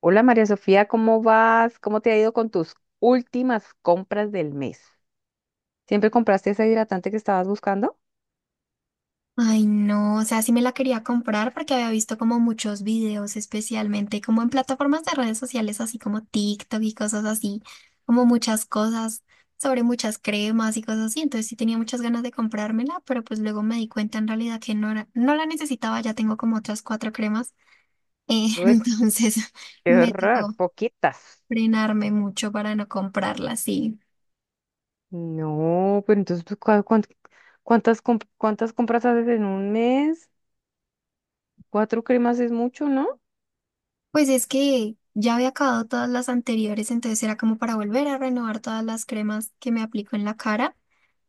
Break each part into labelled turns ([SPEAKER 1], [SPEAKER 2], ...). [SPEAKER 1] Hola María Sofía, ¿cómo vas? ¿Cómo te ha ido con tus últimas compras del mes? ¿Siempre compraste ese hidratante que estabas buscando?
[SPEAKER 2] Ay, no, o sea, sí me la quería comprar porque había visto como muchos videos, especialmente como en plataformas de redes sociales, así como TikTok y cosas así, como muchas cosas sobre muchas cremas y cosas así. Entonces sí tenía muchas ganas de comprármela, pero pues luego me di cuenta en realidad que no era, no la necesitaba, ya tengo como otras cuatro cremas.
[SPEAKER 1] Uy,
[SPEAKER 2] Entonces
[SPEAKER 1] qué
[SPEAKER 2] me
[SPEAKER 1] horror,
[SPEAKER 2] tocó
[SPEAKER 1] poquitas.
[SPEAKER 2] frenarme mucho para no comprarla, sí.
[SPEAKER 1] No, pero entonces, ¿tú cuántas compras haces en un mes? Cuatro cremas es mucho, ¿no?
[SPEAKER 2] Pues es que ya había acabado todas las anteriores, entonces era como para volver a renovar todas las cremas que me aplico en la cara.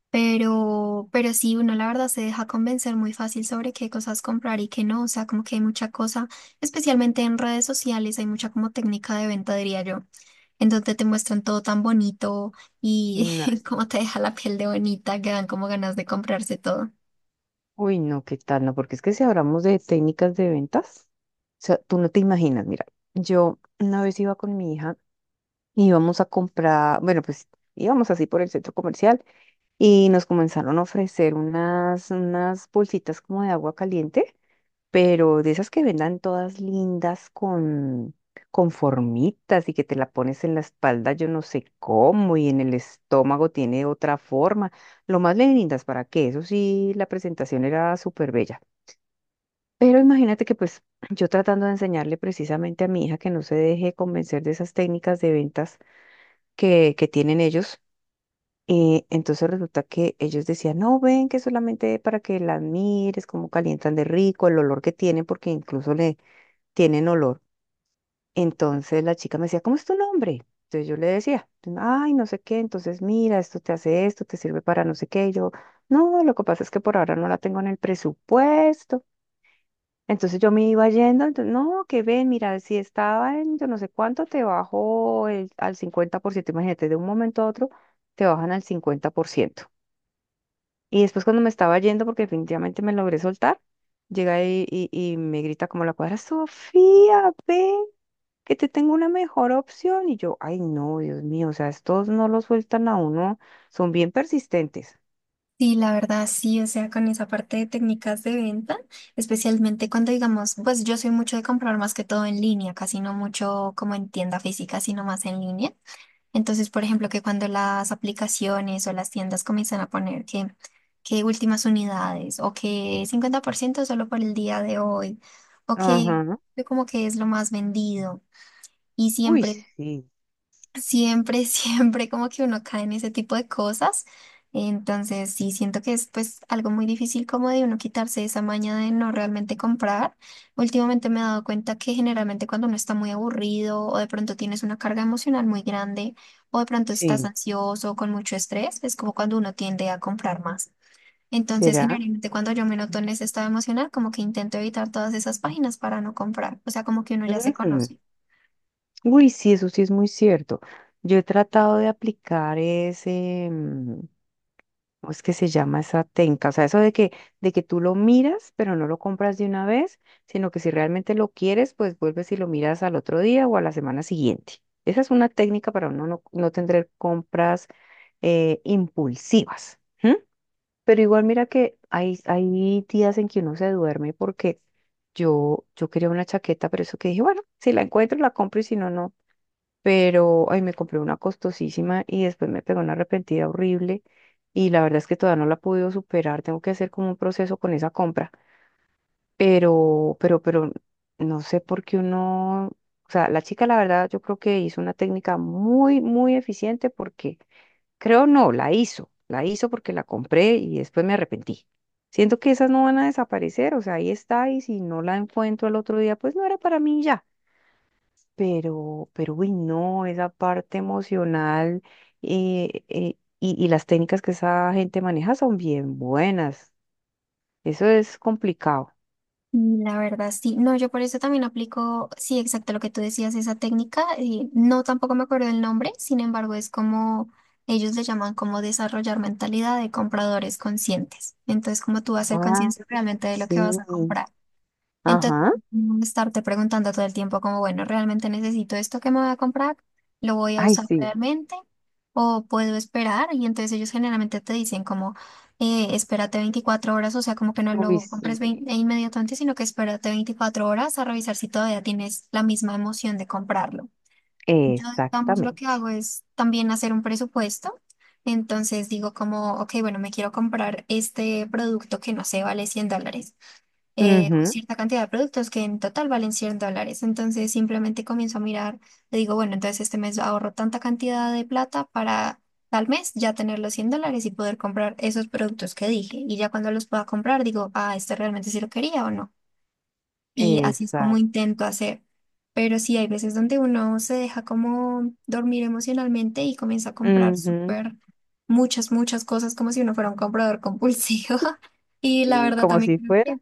[SPEAKER 2] Pero sí, uno la verdad se deja convencer muy fácil sobre qué cosas comprar y qué no. O sea, como que hay mucha cosa, especialmente en redes sociales, hay mucha como técnica de venta, diría yo, en donde te muestran todo tan bonito y
[SPEAKER 1] No.
[SPEAKER 2] cómo te deja la piel de bonita, que dan como ganas de comprarse todo.
[SPEAKER 1] Uy, no, ¿qué tal? No, porque es que si hablamos de técnicas de ventas, o sea, tú no te imaginas, mira, yo una vez iba con mi hija y íbamos a comprar, bueno, pues íbamos así por el centro comercial y nos comenzaron a ofrecer unas bolsitas como de agua caliente, pero de esas que vendan todas lindas con formitas, y que te la pones en la espalda, yo no sé cómo, y en el estómago tiene otra forma. Lo más lindas, ¿para qué? Eso sí, la presentación era súper bella. Pero imagínate que pues yo tratando de enseñarle precisamente a mi hija que no se deje convencer de esas técnicas de ventas que tienen ellos. Entonces resulta que ellos decían: no, ven que solamente para que las mires, cómo calientan de rico, el olor que tienen, porque incluso le tienen olor. Entonces la chica me decía: ¿cómo es tu nombre? Entonces yo le decía, ay, no sé qué. Entonces mira, esto te hace esto, te sirve para no sé qué. Y yo, no, lo que pasa es que por ahora no la tengo en el presupuesto. Entonces yo me iba yendo. Entonces, no, que ven, mira, si estaba en yo no sé cuánto, te bajo el, al 50%. Imagínate, de un momento a otro, te bajan al 50%. Y después, cuando me estaba yendo, porque definitivamente me logré soltar, llega y, y me grita como la cuadra: Sofía, ve, que te tengo una mejor opción. Y yo, ay no, Dios mío, o sea, estos no lo sueltan a uno, son bien persistentes.
[SPEAKER 2] Sí, la verdad, sí, o sea, con esa parte de técnicas de venta, especialmente cuando digamos, pues yo soy mucho de comprar más que todo en línea, casi no mucho como en tienda física, sino más en línea. Entonces, por ejemplo, que cuando las aplicaciones o las tiendas comienzan a poner que últimas unidades o que 50% solo por el día de hoy o que
[SPEAKER 1] Ajá.
[SPEAKER 2] que como que es lo más vendido y
[SPEAKER 1] Uy,
[SPEAKER 2] siempre
[SPEAKER 1] sí,
[SPEAKER 2] Siempre, siempre como que uno cae en ese tipo de cosas. Entonces, sí, siento que es pues algo muy difícil como de uno quitarse esa maña de no realmente comprar. Últimamente me he dado cuenta que generalmente cuando uno está muy aburrido o de pronto tienes una carga emocional muy grande o de pronto estás
[SPEAKER 1] sí,
[SPEAKER 2] ansioso o con mucho estrés, es como cuando uno tiende a comprar más. Entonces,
[SPEAKER 1] será.
[SPEAKER 2] generalmente cuando yo me noto en ese estado emocional, como que intento evitar todas esas páginas para no comprar. O sea, como que uno ya se
[SPEAKER 1] Ujú.
[SPEAKER 2] conoce.
[SPEAKER 1] Uy, sí, eso sí es muy cierto. Yo he tratado de aplicar ¿cómo es que se llama esa tenca? O sea, eso de que tú lo miras, pero no lo compras de una vez, sino que si realmente lo quieres, pues vuelves y lo miras al otro día o a la semana siguiente. Esa es una técnica para uno no tener compras impulsivas. ¿M? Pero igual mira que hay días en que uno se duerme, porque yo quería una chaqueta, pero eso que dije, bueno, si la encuentro, la compro y si no, no. Pero ay, me compré una costosísima y después me pegó una arrepentida horrible, y la verdad es que todavía no la he podido superar, tengo que hacer como un proceso con esa compra. Pero no sé por qué uno, o sea, la chica la verdad yo creo que hizo una técnica muy, muy eficiente, porque, creo no, la hizo porque la compré y después me arrepentí. Siento que esas no van a desaparecer, o sea, ahí está, y si no la encuentro al otro día, pues no era para mí y ya. Pero uy, no, esa parte emocional, y las técnicas que esa gente maneja son bien buenas. Eso es complicado.
[SPEAKER 2] Mm, la verdad, sí. No, yo por eso también aplico, sí, exacto lo que tú decías, esa técnica. No, tampoco me acuerdo el nombre, sin embargo, es como ellos le llaman como desarrollar mentalidad de compradores conscientes. Entonces, como tú vas a ser
[SPEAKER 1] Ah,
[SPEAKER 2] consciente realmente de lo que vas a
[SPEAKER 1] sí.
[SPEAKER 2] comprar. Entonces,
[SPEAKER 1] Ajá.
[SPEAKER 2] no estarte preguntando todo el tiempo como, bueno, ¿realmente necesito esto que me voy a comprar? ¿Lo voy a
[SPEAKER 1] Ay,
[SPEAKER 2] usar
[SPEAKER 1] sí.
[SPEAKER 2] realmente? ¿O puedo esperar? Y entonces ellos generalmente te dicen como, espérate 24 horas, o sea, como que no
[SPEAKER 1] Uy,
[SPEAKER 2] lo
[SPEAKER 1] sí.
[SPEAKER 2] compres e inmediatamente, sino que espérate 24 horas a revisar si todavía tienes la misma emoción de comprarlo. Yo, digamos, lo que
[SPEAKER 1] Exactamente.
[SPEAKER 2] hago es también hacer un presupuesto. Entonces digo como, ok, bueno, me quiero comprar este producto que no sé, vale $100 o
[SPEAKER 1] Ujú.
[SPEAKER 2] cierta cantidad de productos que en total valen $100. Entonces simplemente comienzo a mirar, le digo, bueno, entonces este mes ahorro tanta cantidad de plata para tal mes ya tener los $100 y poder comprar esos productos que dije. Y ya cuando los pueda comprar, digo, ah, este realmente sí lo quería o no. Y así es como
[SPEAKER 1] Exacto.
[SPEAKER 2] intento hacer. Pero sí hay veces donde uno se deja como dormir emocionalmente y comienza a comprar
[SPEAKER 1] Ujú,
[SPEAKER 2] súper muchas cosas como si uno fuera un comprador compulsivo. Y la
[SPEAKER 1] y
[SPEAKER 2] verdad
[SPEAKER 1] como
[SPEAKER 2] también
[SPEAKER 1] si
[SPEAKER 2] creo
[SPEAKER 1] fuera.
[SPEAKER 2] que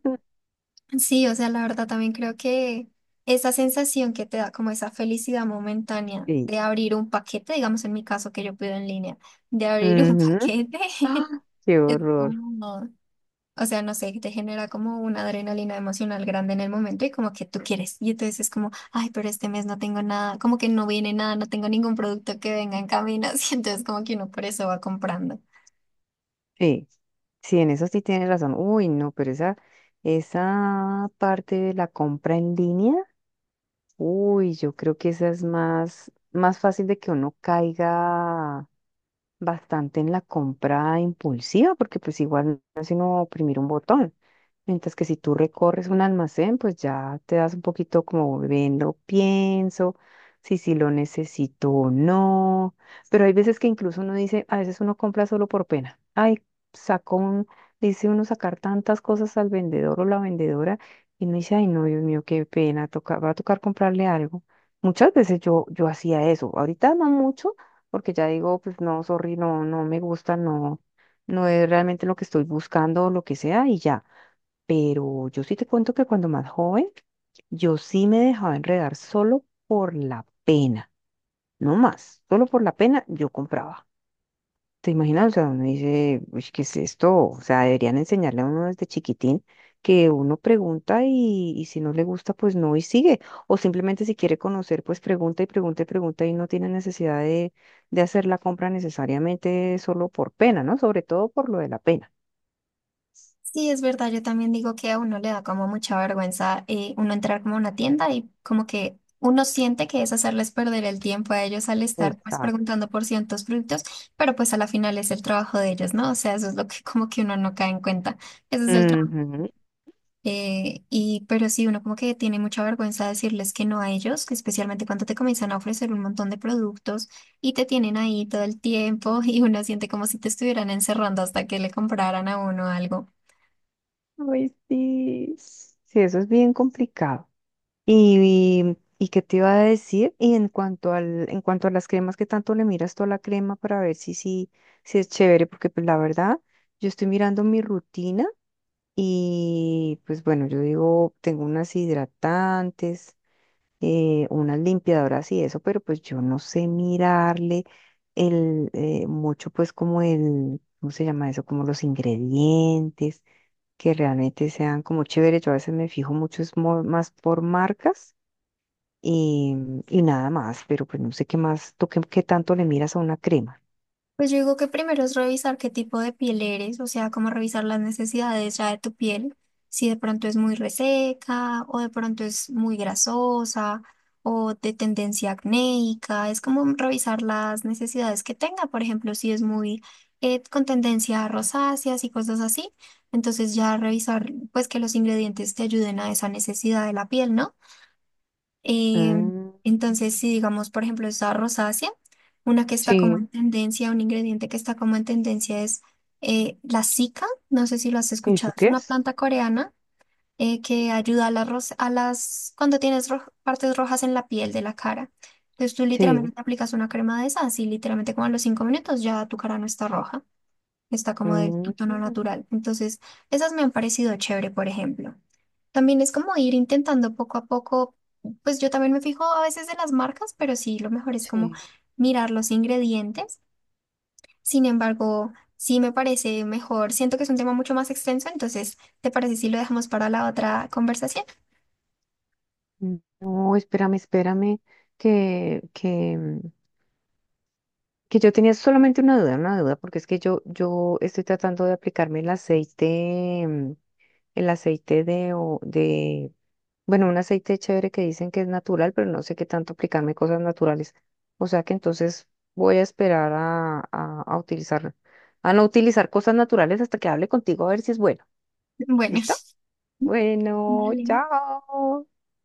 [SPEAKER 2] Sí, o sea, la verdad también creo que esa sensación que te da como esa felicidad momentánea
[SPEAKER 1] Sí.
[SPEAKER 2] de abrir un paquete, digamos en mi caso que yo pido en línea, de abrir un
[SPEAKER 1] Ujú.
[SPEAKER 2] paquete,
[SPEAKER 1] Ah, qué
[SPEAKER 2] es
[SPEAKER 1] horror.
[SPEAKER 2] como, o sea, no sé, te genera como una adrenalina emocional grande en el momento y como que tú quieres. Y entonces es como, ay, pero este mes no tengo nada, como que no viene nada, no tengo ningún producto que venga en camino, así entonces como que uno por eso va comprando.
[SPEAKER 1] Sí. Sí, en eso sí tienes razón. Uy, no, pero esa parte de la compra en línea, uy, yo creo que esa es más, más fácil de que uno caiga bastante en la compra impulsiva, porque pues igual no es sino oprimir un botón. Mientras que si tú recorres un almacén, pues ya te das un poquito como ven, lo pienso, si sí lo necesito o no. Pero hay veces que incluso uno dice, a veces uno compra solo por pena. Ay, sacó un, dice uno sacar tantas cosas al vendedor o la vendedora, y uno dice, ay, no, Dios mío, qué pena, toca, va a tocar comprarle algo. Muchas veces yo, yo hacía eso. Ahorita no mucho, porque ya digo, pues no, sorry, no, no me gusta, no, no es realmente lo que estoy buscando o lo que sea, y ya. Pero yo sí te cuento que cuando más joven, yo sí me dejaba enredar solo por la pena, no más, solo por la pena yo compraba. ¿Te imaginas? O sea, uno dice, uy, ¿qué es esto? O sea, deberían enseñarle a uno desde chiquitín que uno pregunta, y, si no le gusta, pues no, y sigue. O simplemente si quiere conocer, pues pregunta y pregunta y pregunta, y no tiene necesidad de hacer la compra necesariamente solo por pena, ¿no? Sobre todo por lo de la pena.
[SPEAKER 2] Sí, es verdad, yo también digo que a uno le da como mucha vergüenza uno entrar como a una tienda y como que uno siente que es hacerles perder el tiempo a ellos al estar pues
[SPEAKER 1] Exacto.
[SPEAKER 2] preguntando por ciertos productos, pero pues a la final es el trabajo de ellos, ¿no? O sea, eso es lo que como que uno no cae en cuenta, ese es el trabajo. Y pero sí, uno como que tiene mucha vergüenza decirles que no a ellos, que especialmente cuando te comienzan a ofrecer un montón de productos y te tienen ahí todo el tiempo y uno siente como si te estuvieran encerrando hasta que le compraran a uno algo.
[SPEAKER 1] Ay, sí. Sí, eso es bien complicado. ¿Y, y qué te iba a decir? Y en cuanto a las cremas, que tanto le miras tú a la crema para ver si, si es chévere? Porque pues la verdad, yo estoy mirando mi rutina, y pues bueno, yo digo, tengo unas hidratantes, unas limpiadoras y eso, pero pues yo no sé mirarle el, mucho pues como el, ¿cómo se llama eso? Como los ingredientes que realmente sean como chéveres. Yo a veces me fijo mucho es más por marcas, y, y nada más. Pero pues no sé qué más, ¿tú qué, qué tanto le miras a una crema?
[SPEAKER 2] Pues yo digo que primero es revisar qué tipo de piel eres, o sea, como revisar las necesidades ya de tu piel, si de pronto es muy reseca o de pronto es muy grasosa o de tendencia acnéica, es como revisar las necesidades que tenga, por ejemplo, si es muy con tendencia a rosáceas y cosas así, entonces ya revisar pues que los ingredientes te ayuden a esa necesidad de la piel, ¿no? Em,
[SPEAKER 1] Mm,
[SPEAKER 2] entonces, si digamos, por ejemplo, esa rosácea, una que está como
[SPEAKER 1] sí,
[SPEAKER 2] en tendencia, un ingrediente que está como en tendencia es la cica, no sé si lo has
[SPEAKER 1] ¿eso
[SPEAKER 2] escuchado, es
[SPEAKER 1] qué
[SPEAKER 2] una
[SPEAKER 1] es?
[SPEAKER 2] planta coreana que ayuda a las cuando tienes partes rojas en la piel de la cara. Entonces tú
[SPEAKER 1] Sí,
[SPEAKER 2] literalmente te aplicas una crema de esas y literalmente como a los 5 minutos ya tu cara no está roja, está como de
[SPEAKER 1] mm,
[SPEAKER 2] tu tono natural. Entonces, esas me han parecido chévere, por ejemplo. También es como ir intentando poco a poco, pues yo también me fijo a veces de las marcas, pero sí, lo mejor es como
[SPEAKER 1] sí.
[SPEAKER 2] mirar los ingredientes. Sin embargo, sí me parece mejor, siento que es un tema mucho más extenso, entonces, ¿te parece si lo dejamos para la otra conversación?
[SPEAKER 1] Mm. No, espérame, espérame, que, que, mm, que yo tenía solamente una duda, porque es que yo, estoy tratando de aplicarme el aceite, el aceite de bueno, un aceite chévere que dicen que es natural, pero no sé qué tanto aplicarme cosas naturales. O sea que entonces voy a esperar a, a utilizar, a no utilizar cosas naturales hasta que hable contigo a ver si es bueno.
[SPEAKER 2] Bueno.
[SPEAKER 1] ¿Listo? Bueno,
[SPEAKER 2] Vale.
[SPEAKER 1] chao.